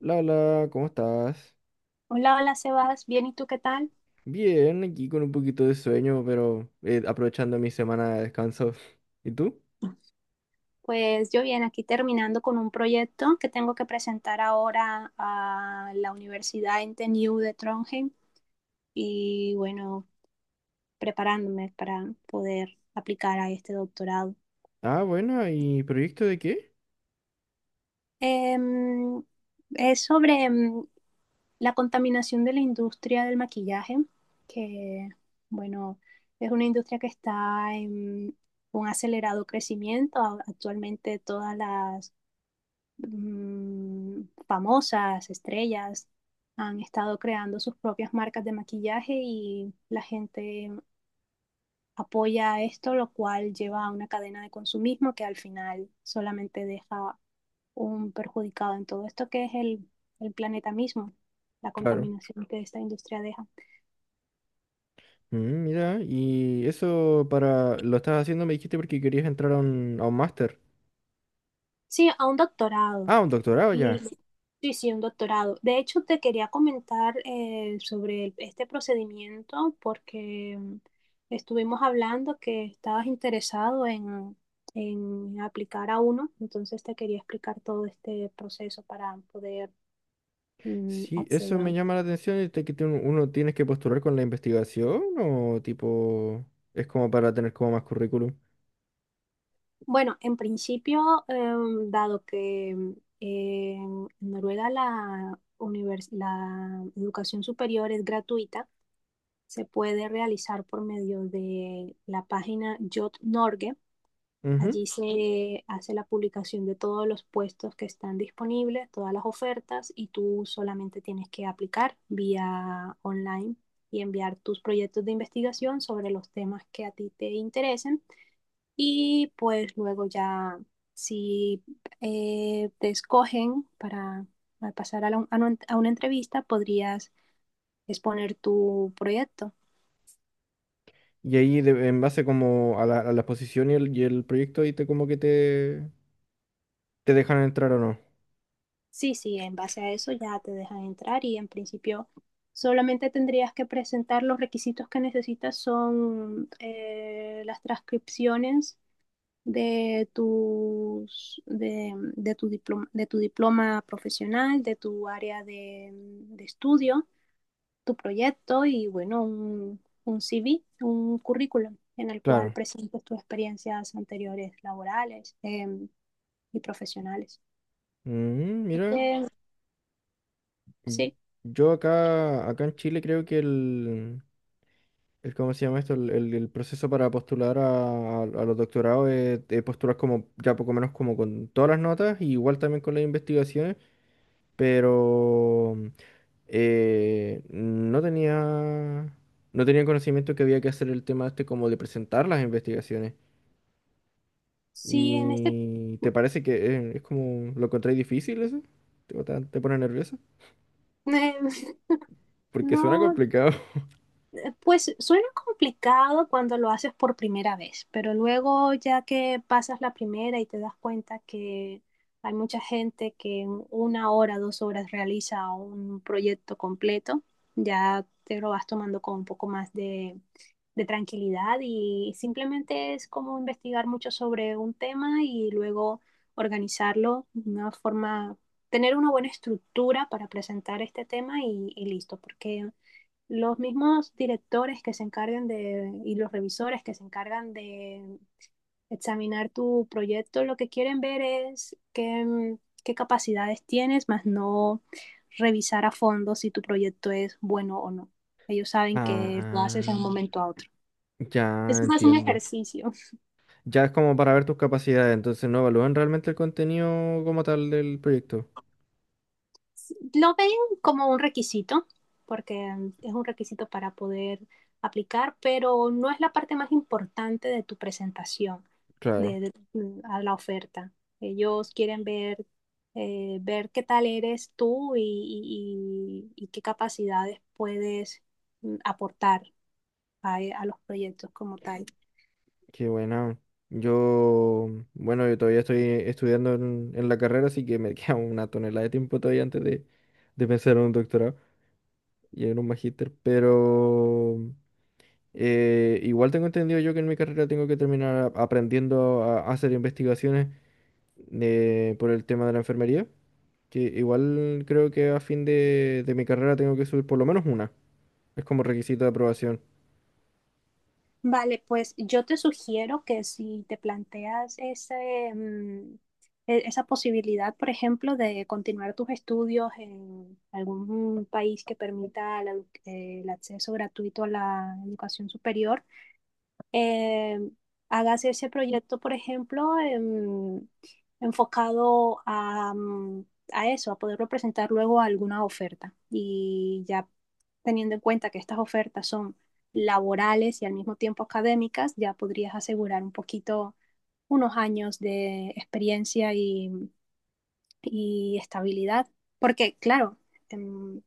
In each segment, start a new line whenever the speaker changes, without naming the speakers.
Lala, ¿cómo estás?
Hola, hola Sebas, bien, ¿y tú qué tal?
Bien, aquí con un poquito de sueño, pero aprovechando mi semana de descanso. ¿Y tú?
Pues yo bien, aquí terminando con un proyecto que tengo que presentar ahora a la Universidad NTNU de Trondheim y bueno, preparándome para poder aplicar a este doctorado.
Ah, bueno, ¿y proyecto de qué?
Em, es sobre la contaminación de la industria del maquillaje, que bueno, es una industria que está en un acelerado crecimiento. Actualmente todas las mm, famosas, estrellas, han estado creando sus propias marcas de maquillaje y la gente apoya esto, lo cual lleva a una cadena de consumismo que al final solamente deja un perjudicado en todo esto que es el planeta mismo, la
Claro.
contaminación que esta industria deja.
Mm, mira, y eso para... Lo estás haciendo, me dijiste, porque querías entrar a a un máster.
Sí, a un doctorado.
Ah, un doctorado
Y
ya.
sí, sí, un doctorado. De hecho, te quería comentar sobre este procedimiento porque estuvimos hablando que estabas interesado en aplicar a uno, entonces te quería explicar todo este proceso para poder
Sí, eso me
acceder.
llama la atención, este, que uno tienes que postular con la investigación o tipo... Es como para tener como más currículum.
Bueno, en principio, dado que en Noruega la educación superior es gratuita, se puede realizar por medio de la página Jot Norge. Allí se hace la publicación de todos los puestos que están disponibles, todas las ofertas y tú solamente tienes que aplicar vía online y enviar tus proyectos de investigación sobre los temas que a ti te interesen y pues luego ya si te escogen para pasar a, la, a, un, a una entrevista podrías exponer tu proyecto.
Y ahí en base como a a la exposición y y el proyecto ahí te como que te dejan entrar o no.
Sí, sí, en base a eso ya te dejan entrar y en principio solamente tendrías que presentar los requisitos que necesitas son las transcripciones de tu diploma, de tu diploma profesional, de tu área de estudio, tu proyecto y bueno, un CV, un currículum en el cual
Claro.
presentes tus experiencias anteriores laborales y profesionales.
Mm, mira,
Así.
mm,
Sí.
yo acá en Chile creo que el ¿cómo se llama esto? El proceso para postular a los doctorados es postular como ya poco menos como con todas las notas, y igual también con las investigaciones, pero eh, no tenía, no tenía conocimiento que había que hacer el tema este como de presentar las investigaciones.
Sí, en este...
¿Y te parece que es como lo encontré difícil eso? Te pone nervioso? Porque suena
No,
complicado.
pues suena complicado cuando lo haces por primera vez, pero luego ya que pasas la primera y te das cuenta que hay mucha gente que en una hora, 2 horas realiza un proyecto completo, ya te lo vas tomando con un poco más de tranquilidad y simplemente es como investigar mucho sobre un tema y luego organizarlo de una forma, tener una buena estructura para presentar este tema y listo, porque los mismos directores que se encargan y los revisores que se encargan de examinar tu proyecto, lo que quieren ver es qué capacidades tienes, más no revisar a fondo si tu proyecto es bueno o no. Ellos saben que lo haces de
Ah,
un momento a otro. Eso
ya
es más un
entiendo.
ejercicio.
Ya es como para ver tus capacidades, entonces no evalúan realmente el contenido como tal del proyecto.
Lo ven como un requisito, porque es un requisito para poder aplicar, pero no es la parte más importante de tu presentación
Claro,
de, de- a la oferta. Ellos quieren ver qué tal eres tú y qué capacidades puedes aportar a los proyectos como tal.
qué buena. Yo, bueno, yo todavía estoy estudiando en la carrera, así que me queda una tonelada de tiempo todavía antes de pensar en un doctorado y en un magíster, pero... igual tengo entendido yo que en mi carrera tengo que terminar aprendiendo a hacer investigaciones por el tema de la enfermería, que igual creo que a fin de mi carrera tengo que subir por lo menos una. Es como requisito de aprobación.
Vale, pues yo te sugiero que si te planteas esa posibilidad, por ejemplo, de continuar tus estudios en algún país que permita el acceso gratuito a la educación superior, eh, hagas ese proyecto, por ejemplo, enfocado a eso, a poderlo presentar luego a alguna oferta. Y ya teniendo en cuenta que estas ofertas son laborales y al mismo tiempo académicas, ya podrías asegurar un poquito unos años de experiencia y estabilidad. Porque, claro, em,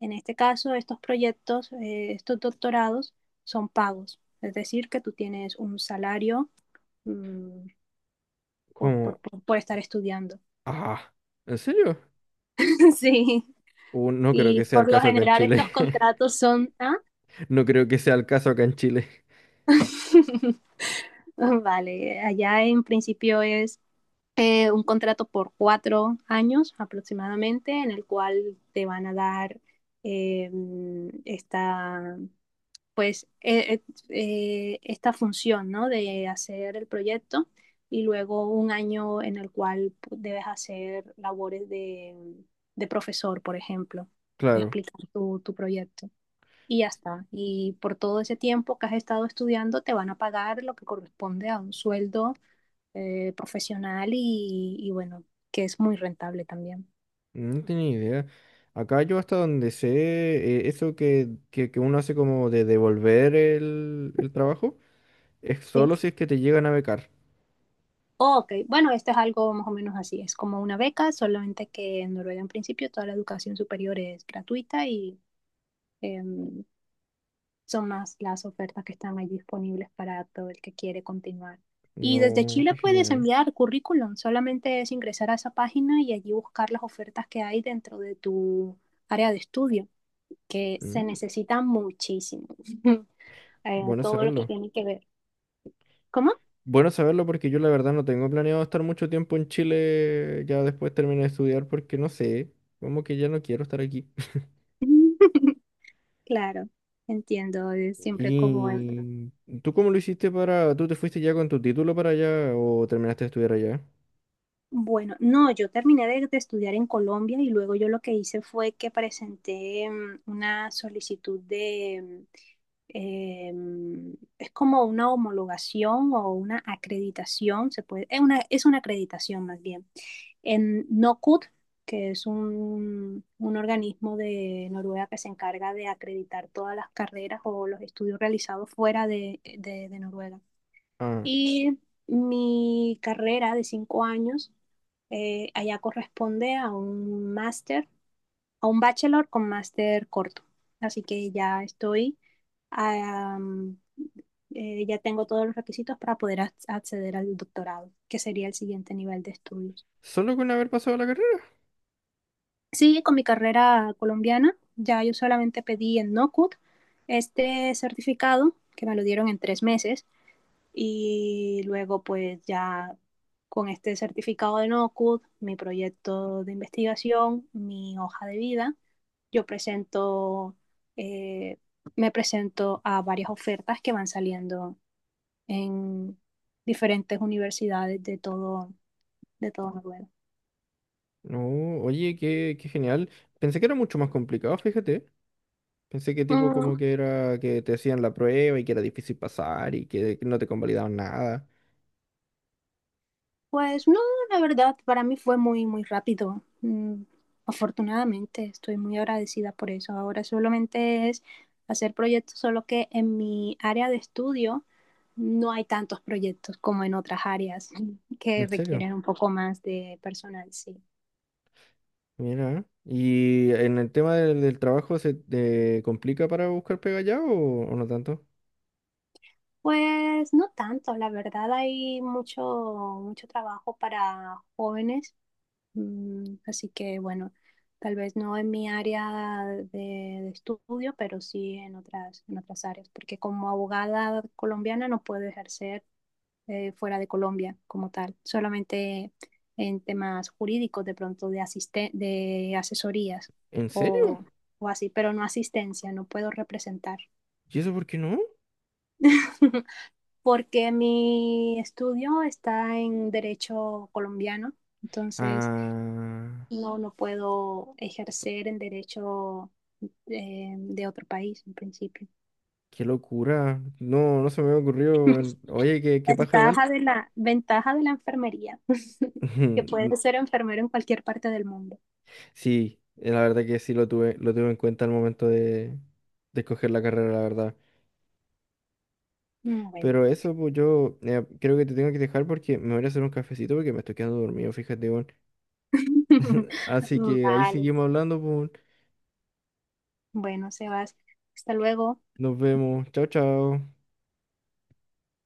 en este caso, estos proyectos, estos doctorados son pagos, es decir, que tú tienes un salario mm, por, por-
Como,
por- por estar estudiando.
ah, ¿en serio?
Sí,
No creo que
y
sea el
por lo
caso acá en
general estos
Chile.
contratos son... ¿ah?
No creo que sea el caso acá en Chile.
Vale, allá en principio es un contrato por 4 años aproximadamente, en el cual te van a dar esta, pues esta función, ¿no? De hacer el proyecto y luego un año en el cual debes hacer labores de profesor, por ejemplo,
Claro,
explicar tu proyecto. Y ya está. Y por todo ese tiempo que has estado estudiando, te van a pagar lo que corresponde a un sueldo profesional y bueno, que es muy rentable también.
no tenía idea. Acá yo hasta donde sé, eso que uno hace como de devolver el trabajo. Es
Sí.
solo si es que te llegan a becar.
Ok, bueno, esto es algo más o menos así, es como una beca, solamente que en Noruega en principio toda la educación superior es gratuita y em, son más las ofertas que están ahí disponibles para todo el que quiere continuar. Y desde
No, qué
Chile puedes
genial.
enviar currículum, solamente es ingresar a esa página y allí buscar las ofertas que hay dentro de tu área de estudio, que se
Mm,
necesita muchísimo,
bueno
todo lo que
saberlo.
tiene que ver. ¿Cómo?
Bueno saberlo porque yo la verdad no tengo planeado estar mucho tiempo en Chile ya después terminé de estudiar porque no sé, como que ya no quiero estar aquí.
Claro, entiendo, es siempre como...
¿Y tú cómo lo hiciste para... ¿Tú te fuiste ya con tu título para allá o terminaste de estudiar allá?
Bueno, no, yo terminé de estudiar en Colombia y luego yo lo que hice fue que presenté una solicitud es como una homologación o una acreditación, se puede, es una acreditación más bien, en NOCUT, que es un organismo de Noruega que se encarga de acreditar todas las carreras o los estudios realizados fuera de Noruega.
Ah,
Y mi carrera de 5 años allá corresponde a un máster, a un bachelor con máster corto. Así que am, ya tengo todos los requisitos para poder acceder al doctorado, que sería el siguiente nivel de estudios.
solo con haber pasado la carrera.
Sí, con mi carrera colombiana, ya yo solamente pedí en NOCUT este certificado, que me lo dieron en 3 meses. Y luego pues ya con este certificado de NOCUD, mi proyecto de investigación, mi hoja de vida, yo eh, me presento a varias ofertas que van saliendo en diferentes universidades de todo Noruega.
No, oye, qué genial. Pensé que era mucho más complicado, fíjate. Pensé que tipo
Mm,
como que era que te hacían la prueba y que era difícil pasar y que no te convalidaban nada.
Pues no, la verdad, para mí fue muy, muy rápido. Afortunadamente, estoy muy agradecida por eso. Ahora solamente es hacer proyectos, solo que en mi área de estudio no hay tantos proyectos como en otras áreas
¿En
que
serio?
requieren un poco más de personal, sí.
Mira. ¿Eh? ¿Y en el tema del trabajo se te complica para buscar pega ya o no tanto?
Pues no tanto, la verdad, hay mucho, mucho trabajo para jóvenes. Así que bueno, tal vez no en mi área de estudio, pero sí en otras áreas, porque como abogada colombiana no puedo ejercer fuera de Colombia como tal, solamente en temas jurídicos, de pronto de asesorías
¿En serio?
o, o así, pero no asistencia, no puedo representar.
¿Y eso por qué no?
Porque mi estudio está en derecho colombiano, entonces.
Ah,
No, no puedo ejercer el derecho de otro país en principio.
qué locura. No, no se me había ocurrido. Oye, qué paja igual.
Ventaja de la enfermería, que puedes ser enfermero en cualquier parte del mundo.
Sí, la verdad que sí lo tuve en cuenta al momento de escoger la carrera, la verdad.
Bueno,
Pero eso, pues yo creo que te tengo que dejar porque me voy a hacer un cafecito porque me estoy quedando dormido, fíjate, weón. Así que ahí
vale.
seguimos hablando, pues.
Bueno, Sebas, hasta luego.
Nos vemos. Chao, chao.